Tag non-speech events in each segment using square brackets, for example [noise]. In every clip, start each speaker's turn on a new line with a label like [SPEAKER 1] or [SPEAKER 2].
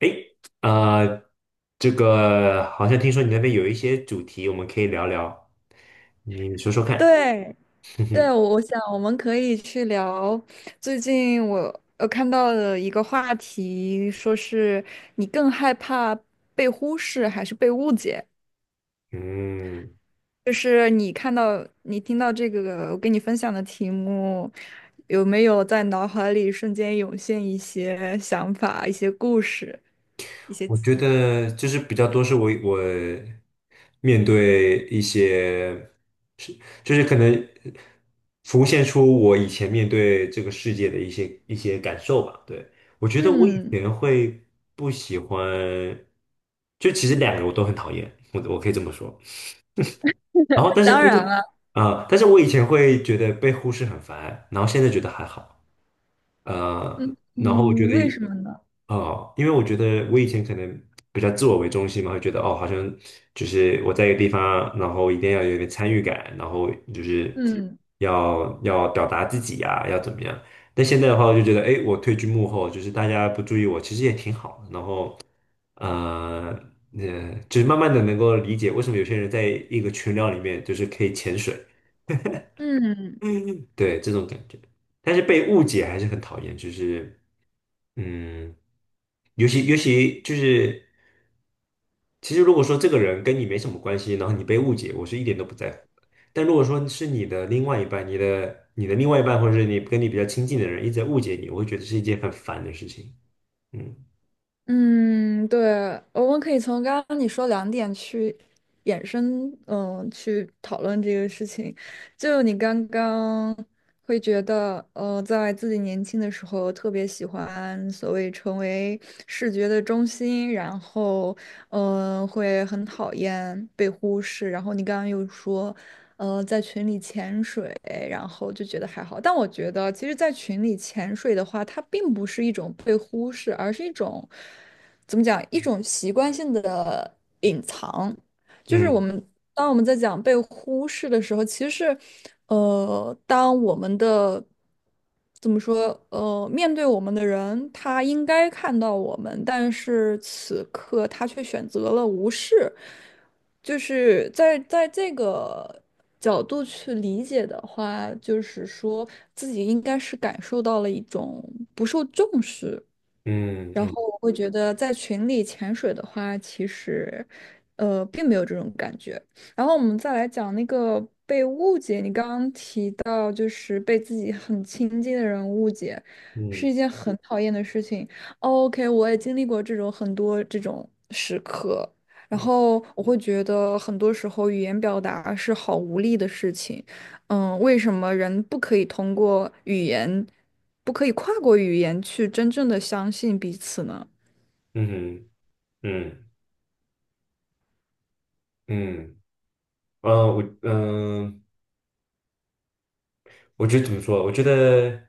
[SPEAKER 1] 诶，呃，这个好像听说你那边有一些主题，我们可以聊聊，你说说看。
[SPEAKER 2] 对
[SPEAKER 1] [laughs] 哼
[SPEAKER 2] 对，
[SPEAKER 1] 哼，
[SPEAKER 2] 我我想我们可以去聊最近我看到的一个话题，说是你更害怕被忽视还是被误解？
[SPEAKER 1] 嗯，
[SPEAKER 2] 就是你看到你听到这个我给你分享的题目，有没有在脑海里瞬间涌现一些想法、一些故事、一些
[SPEAKER 1] 我觉
[SPEAKER 2] 经？
[SPEAKER 1] 得就是比较多是我面对一些是就是可能浮现出我以前面对这个世界的一些感受吧。对，我觉得我以
[SPEAKER 2] 嗯，
[SPEAKER 1] 前会不喜欢，就其实两个我都很讨厌，我可以这么说。然后
[SPEAKER 2] 当然了。
[SPEAKER 1] 但是我以前会觉得被忽视很烦，然后现在觉得还好，然后我觉
[SPEAKER 2] 嗯，为
[SPEAKER 1] 得。
[SPEAKER 2] 什么呢？
[SPEAKER 1] 哦，因为我觉得我以前可能比较自我为中心嘛，会觉得哦，好像就是我在一个地方，然后一定要有一点参与感，然后就是
[SPEAKER 2] 嗯
[SPEAKER 1] 要表达自己呀、要怎么样。但现在的话，我就觉得，哎，我退居幕后，就是大家不注意我，其实也挺好的然后，呃，就是慢慢的能够理解为什么有些人在一个群聊里面就是可以潜水，
[SPEAKER 2] 嗯。
[SPEAKER 1] 嗯，对，这种感觉。但是被误解还是很讨厌，就是。嗯，尤其就是，其实如果说这个人跟你没什么关系，然后你被误解，我是一点都不在乎的。但如果说是你的另外一半，你的另外一半，或者是你跟你比较亲近的人一直在误解你，我会觉得是一件很烦的事情。嗯
[SPEAKER 2] 嗯，对，我们可以从刚刚你说两点去衍生，嗯，去讨论这个事情。就你刚刚会觉得，在自己年轻的时候特别喜欢所谓成为视觉的中心，然后，会很讨厌被忽视。然后你刚刚又说，在群里潜水，然后就觉得还好。但我觉得，其实，在群里潜水的话，它并不是一种被忽视，而是一种，怎么讲，一种习惯性的隐藏。就是我
[SPEAKER 1] 嗯
[SPEAKER 2] 们当我们在讲被忽视的时候，其实是，当我们的怎么说，面对我们的人，他应该看到我们，但是此刻他却选择了无视，就是在这个角度去理解的话，就是说自己应该是感受到了一种不受重视。
[SPEAKER 1] 嗯
[SPEAKER 2] 然
[SPEAKER 1] 嗯
[SPEAKER 2] 后我会觉得在群里潜水的话，其实，并没有这种感觉。然后我们再来讲那个被误解，你刚刚提到就是被自己很亲近的人误解，是
[SPEAKER 1] 嗯
[SPEAKER 2] 一件很讨厌的事情。OK,我也经历过这种很多这种时刻，然
[SPEAKER 1] 嗯
[SPEAKER 2] 后我会觉得很多时候语言表达是好无力的事情。嗯，为什么人不可以通过语言？不可以跨过语言去真正的相信彼此呢？
[SPEAKER 1] 嗯嗯嗯，呃，我嗯、我觉得怎么说？我觉得。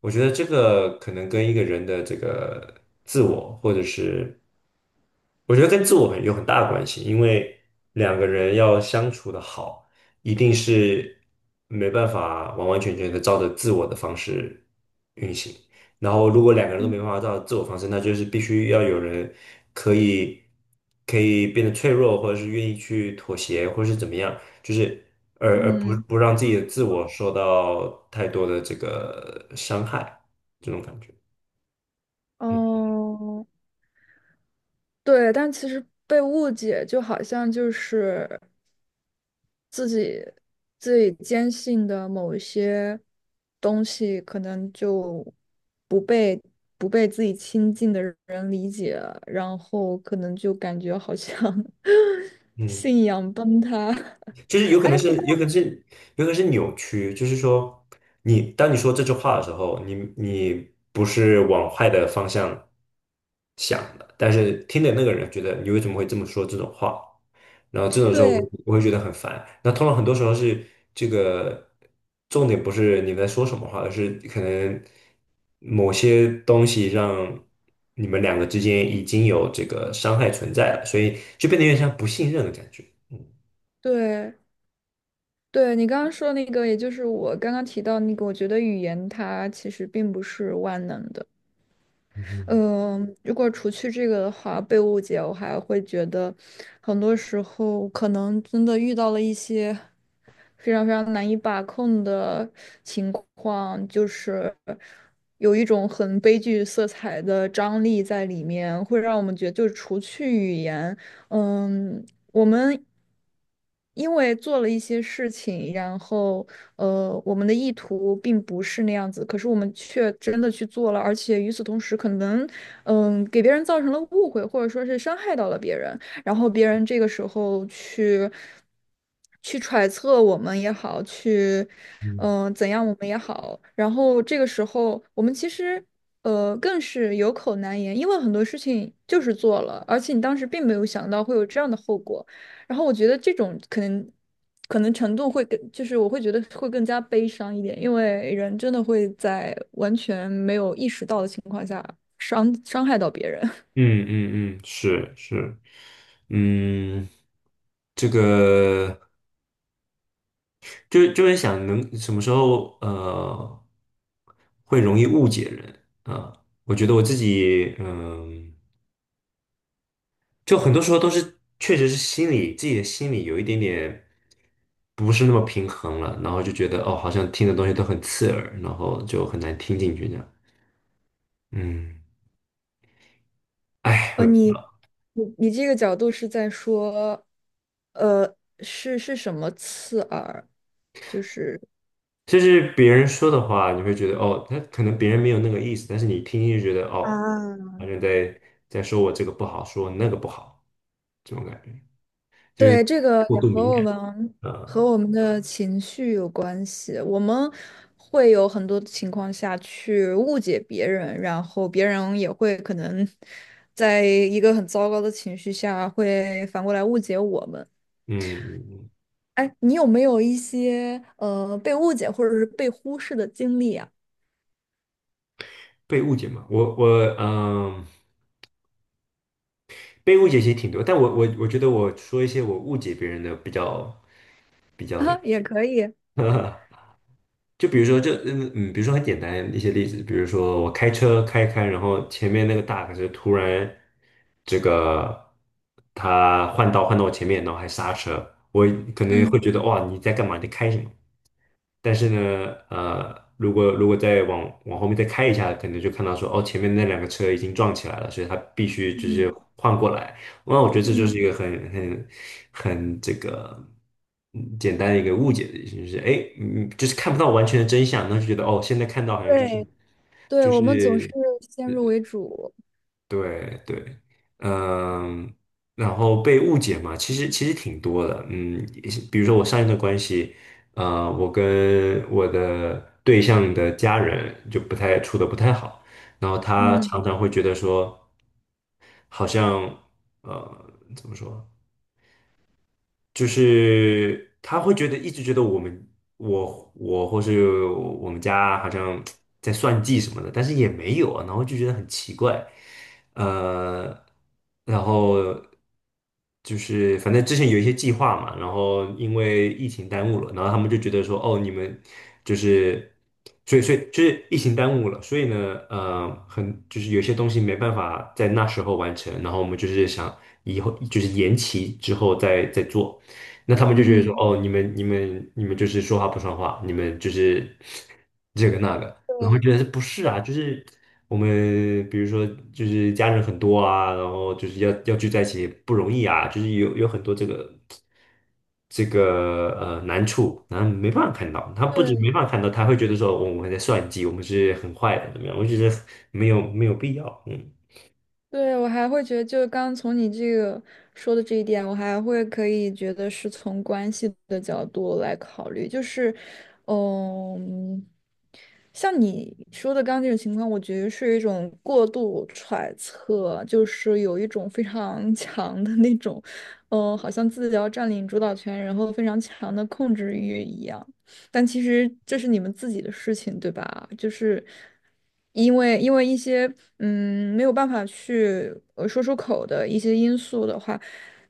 [SPEAKER 1] 我觉得这个可能跟一个人的这个自我，或者是我觉得跟自我很有很大的关系，因为两个人要相处的好，一定是没办法完完全全的照着自我的方式运行。然后，如果两个人都
[SPEAKER 2] 嗯
[SPEAKER 1] 没办法照着自我方式，那就是必须要有人可以可以变得脆弱，或者是愿意去妥协，或者是怎么样，就是。而不
[SPEAKER 2] 嗯
[SPEAKER 1] 不让自己的自我受到太多的这个伤害，这种感觉。嗯
[SPEAKER 2] 哦，对，但其实被误解就好像就是自己坚信的某一些东西，可能就不被不被自己亲近的人理解，然后可能就感觉好像 [laughs]
[SPEAKER 1] 嗯，
[SPEAKER 2] 信仰崩塌。[laughs]
[SPEAKER 1] 就是
[SPEAKER 2] 哎，不过
[SPEAKER 1] 有可能是扭曲。就是说，你当你说这句话的时候，你不是往坏的方向想的，但是听的那个人觉得你为什么会这么说这种话？然后这种时候
[SPEAKER 2] 对
[SPEAKER 1] 我会觉得很烦。那通常很多时候是这个重点不是你们在说什么话，而是可能某些东西让你们两个之间已经有这个伤害存在了，所以就变得有点像不信任的感觉。嗯
[SPEAKER 2] 对，对，你刚刚说那个，也就是我刚刚提到那个，我觉得语言它其实并不是万能的。
[SPEAKER 1] 嗯
[SPEAKER 2] 嗯、如果除去这个的话，被误解，我还会觉得很多时候可能真的遇到了一些非常非常难以把控的情况，就是有一种很悲剧色彩的张力在里面，会让我们觉得，就是除去语言。嗯，我们因为做了一些事情，然后我们的意图并不是那样子，可是我们却真的去做了，而且与此同时，可能给别人造成了误会，或者说是伤害到了别人。然后别人这个时候去揣测我们也好，去
[SPEAKER 1] 嗯，
[SPEAKER 2] 怎样我们也好，然后这个时候我们其实更是有口难言，因为很多事情就是做了，而且你当时并没有想到会有这样的后果，然后我觉得这种可能。可能程度会更，就是我会觉得会更加悲伤一点，因为人真的会在完全没有意识到的情况下伤害到别人。
[SPEAKER 1] 嗯嗯，嗯，是是，嗯，这个。就会想能什么时候会容易误解人啊，我觉得我自己就很多时候都是确实是心里自己的心里有一点点不是那么平衡了，然后就觉得哦好像听的东西都很刺耳，然后就很难听进去这样，嗯，哎，我
[SPEAKER 2] 呃，
[SPEAKER 1] 也不
[SPEAKER 2] 你
[SPEAKER 1] 知道，
[SPEAKER 2] 你这个角度是在说，是什么刺耳？就是
[SPEAKER 1] 就是别人说的话，你会觉得哦，他可能别人没有那个意思，但是你听就觉得哦，
[SPEAKER 2] 啊，
[SPEAKER 1] 好像在说我这个不好，说我那个不好，这种感觉。就是
[SPEAKER 2] 对这个
[SPEAKER 1] 过
[SPEAKER 2] 也
[SPEAKER 1] 度
[SPEAKER 2] 和
[SPEAKER 1] 敏
[SPEAKER 2] 我
[SPEAKER 1] 感
[SPEAKER 2] 们和
[SPEAKER 1] 啊，
[SPEAKER 2] 我们的情绪有关系，我们会有很多情况下去误解别人，然后别人也会可能在一个很糟糕的情绪下会反过来误解我们。
[SPEAKER 1] 嗯，嗯
[SPEAKER 2] 哎，你有没有一些被误解或者是被忽视的经历啊？
[SPEAKER 1] 被误解嘛，我我嗯，被误解其实挺多，但我觉得我说一些我误解别人的比较比
[SPEAKER 2] [laughs]
[SPEAKER 1] 较那
[SPEAKER 2] 啊，也可以。
[SPEAKER 1] 个，[laughs] 就比如说这嗯嗯，比如说很简单一些例子，比如说我开车开开，然后前面那个大卡车突然这个他换道换到我前面，然后还刹车，我可能会
[SPEAKER 2] 嗯。
[SPEAKER 1] 觉得哇你在干嘛？你在开什么？但是呢，如果再往后面再开一下，可能就看到说，哦，前面那两个车已经撞起来了，所以他必须就是
[SPEAKER 2] 嗯
[SPEAKER 1] 换过来。那我觉得这就
[SPEAKER 2] 嗯，
[SPEAKER 1] 是一个很简单的一个误解的，就是哎，就是看不到完全的真相，那就觉得哦，现在看到好像就是
[SPEAKER 2] 对对，
[SPEAKER 1] 就
[SPEAKER 2] 我们总是
[SPEAKER 1] 是
[SPEAKER 2] 先入为主。
[SPEAKER 1] 对对，嗯，然后被误解嘛，其实挺多的，嗯，也是比如说我上一段关系，呃，我跟我的对象的家人就不太处的不太好，然后他
[SPEAKER 2] 嗯
[SPEAKER 1] 常常会觉得说，好像怎么说？就是他会觉得一直觉得我们我或是我们家好像在算计什么的，但是也没有啊，然后就觉得很奇怪，呃，然后就是反正之前有一些计划嘛，然后因为疫情耽误了，然后他们就觉得说哦你们就是所以就是疫情耽误了，所以呢很就是有些东西没办法在那时候完成，然后我们就是想以后就是延期之后再做。那他们就觉得说，
[SPEAKER 2] 嗯，
[SPEAKER 1] 哦，你们就是说话不算话，你们就是 [laughs] 这个那个，然后觉
[SPEAKER 2] 对
[SPEAKER 1] 得是不是啊？就是我们比如说就是家人很多啊，然后就是要聚在一起不容易啊，就是有很多这个难处，然后没办法看到，他不仅没
[SPEAKER 2] 对
[SPEAKER 1] 办法看到，他会觉得说哦我们在算计，我们是很坏的，怎么样？我觉得没有没有必要，嗯。
[SPEAKER 2] 对，我还会觉得，就是刚刚从你这个说的这一点，我还会可以觉得是从关系的角度来考虑，就是，嗯。像你说的刚刚这种情况，我觉得是一种过度揣测，就是有一种非常 [laughs] 强的那种，好像自己要占领主导权，然后非常强的控制欲一样。但其实这是你们自己的事情，对吧？就是因为一些没有办法去说出口的一些因素的话，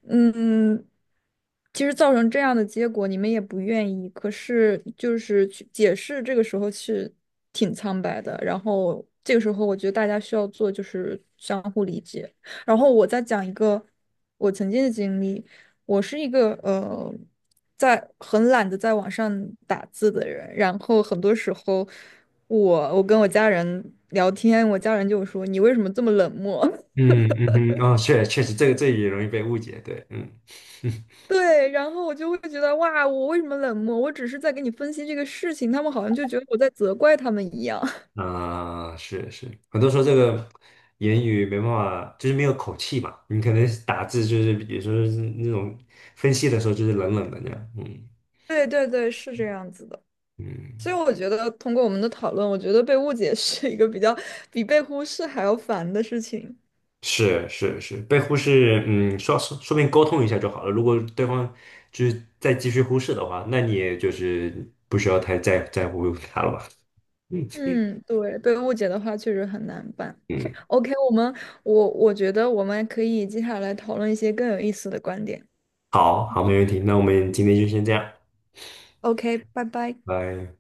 [SPEAKER 2] 嗯。其实造成这样的结果，你们也不愿意，可是就是去解释，这个时候是挺苍白的。然后这个时候，我觉得大家需要做就是相互理解。然后我再讲一个我曾经的经历，我是一个在很懒得在网上打字的人，然后很多时候我跟我家人聊天，我家人就说你为什么这么冷漠？[laughs]
[SPEAKER 1] 嗯嗯哼，哦，确实，这也容易被误解，对，嗯 [laughs]
[SPEAKER 2] 对，然后我就会觉得哇，我为什么冷漠？我只是在给你分析这个事情，他们好像就觉得我在责怪他们一样。[laughs]
[SPEAKER 1] 啊、是是，很多时候这个言语没办法，就是没有口气嘛。你可能打字就是，比如说那种分析的时候就是冷冷的那样。嗯
[SPEAKER 2] 对对对，是这样子的。所以
[SPEAKER 1] 嗯，
[SPEAKER 2] 我觉得通过我们的讨论，我觉得被误解 [laughs] 是一个比较比被忽视还要烦的事情。
[SPEAKER 1] 是是是，被忽视，嗯，说明沟通一下就好了。如果对方就是再继续忽视的话，那你也就是不需要太在乎他了吧？[laughs] 嗯
[SPEAKER 2] 嗯，对，被误解的话确实很难办。
[SPEAKER 1] 嗯，
[SPEAKER 2] OK,我们我觉得我们可以接下来讨论一些更有意思的观点。
[SPEAKER 1] 好好，没问题。那我们今天就先这样，
[SPEAKER 2] OK,拜拜。
[SPEAKER 1] 拜。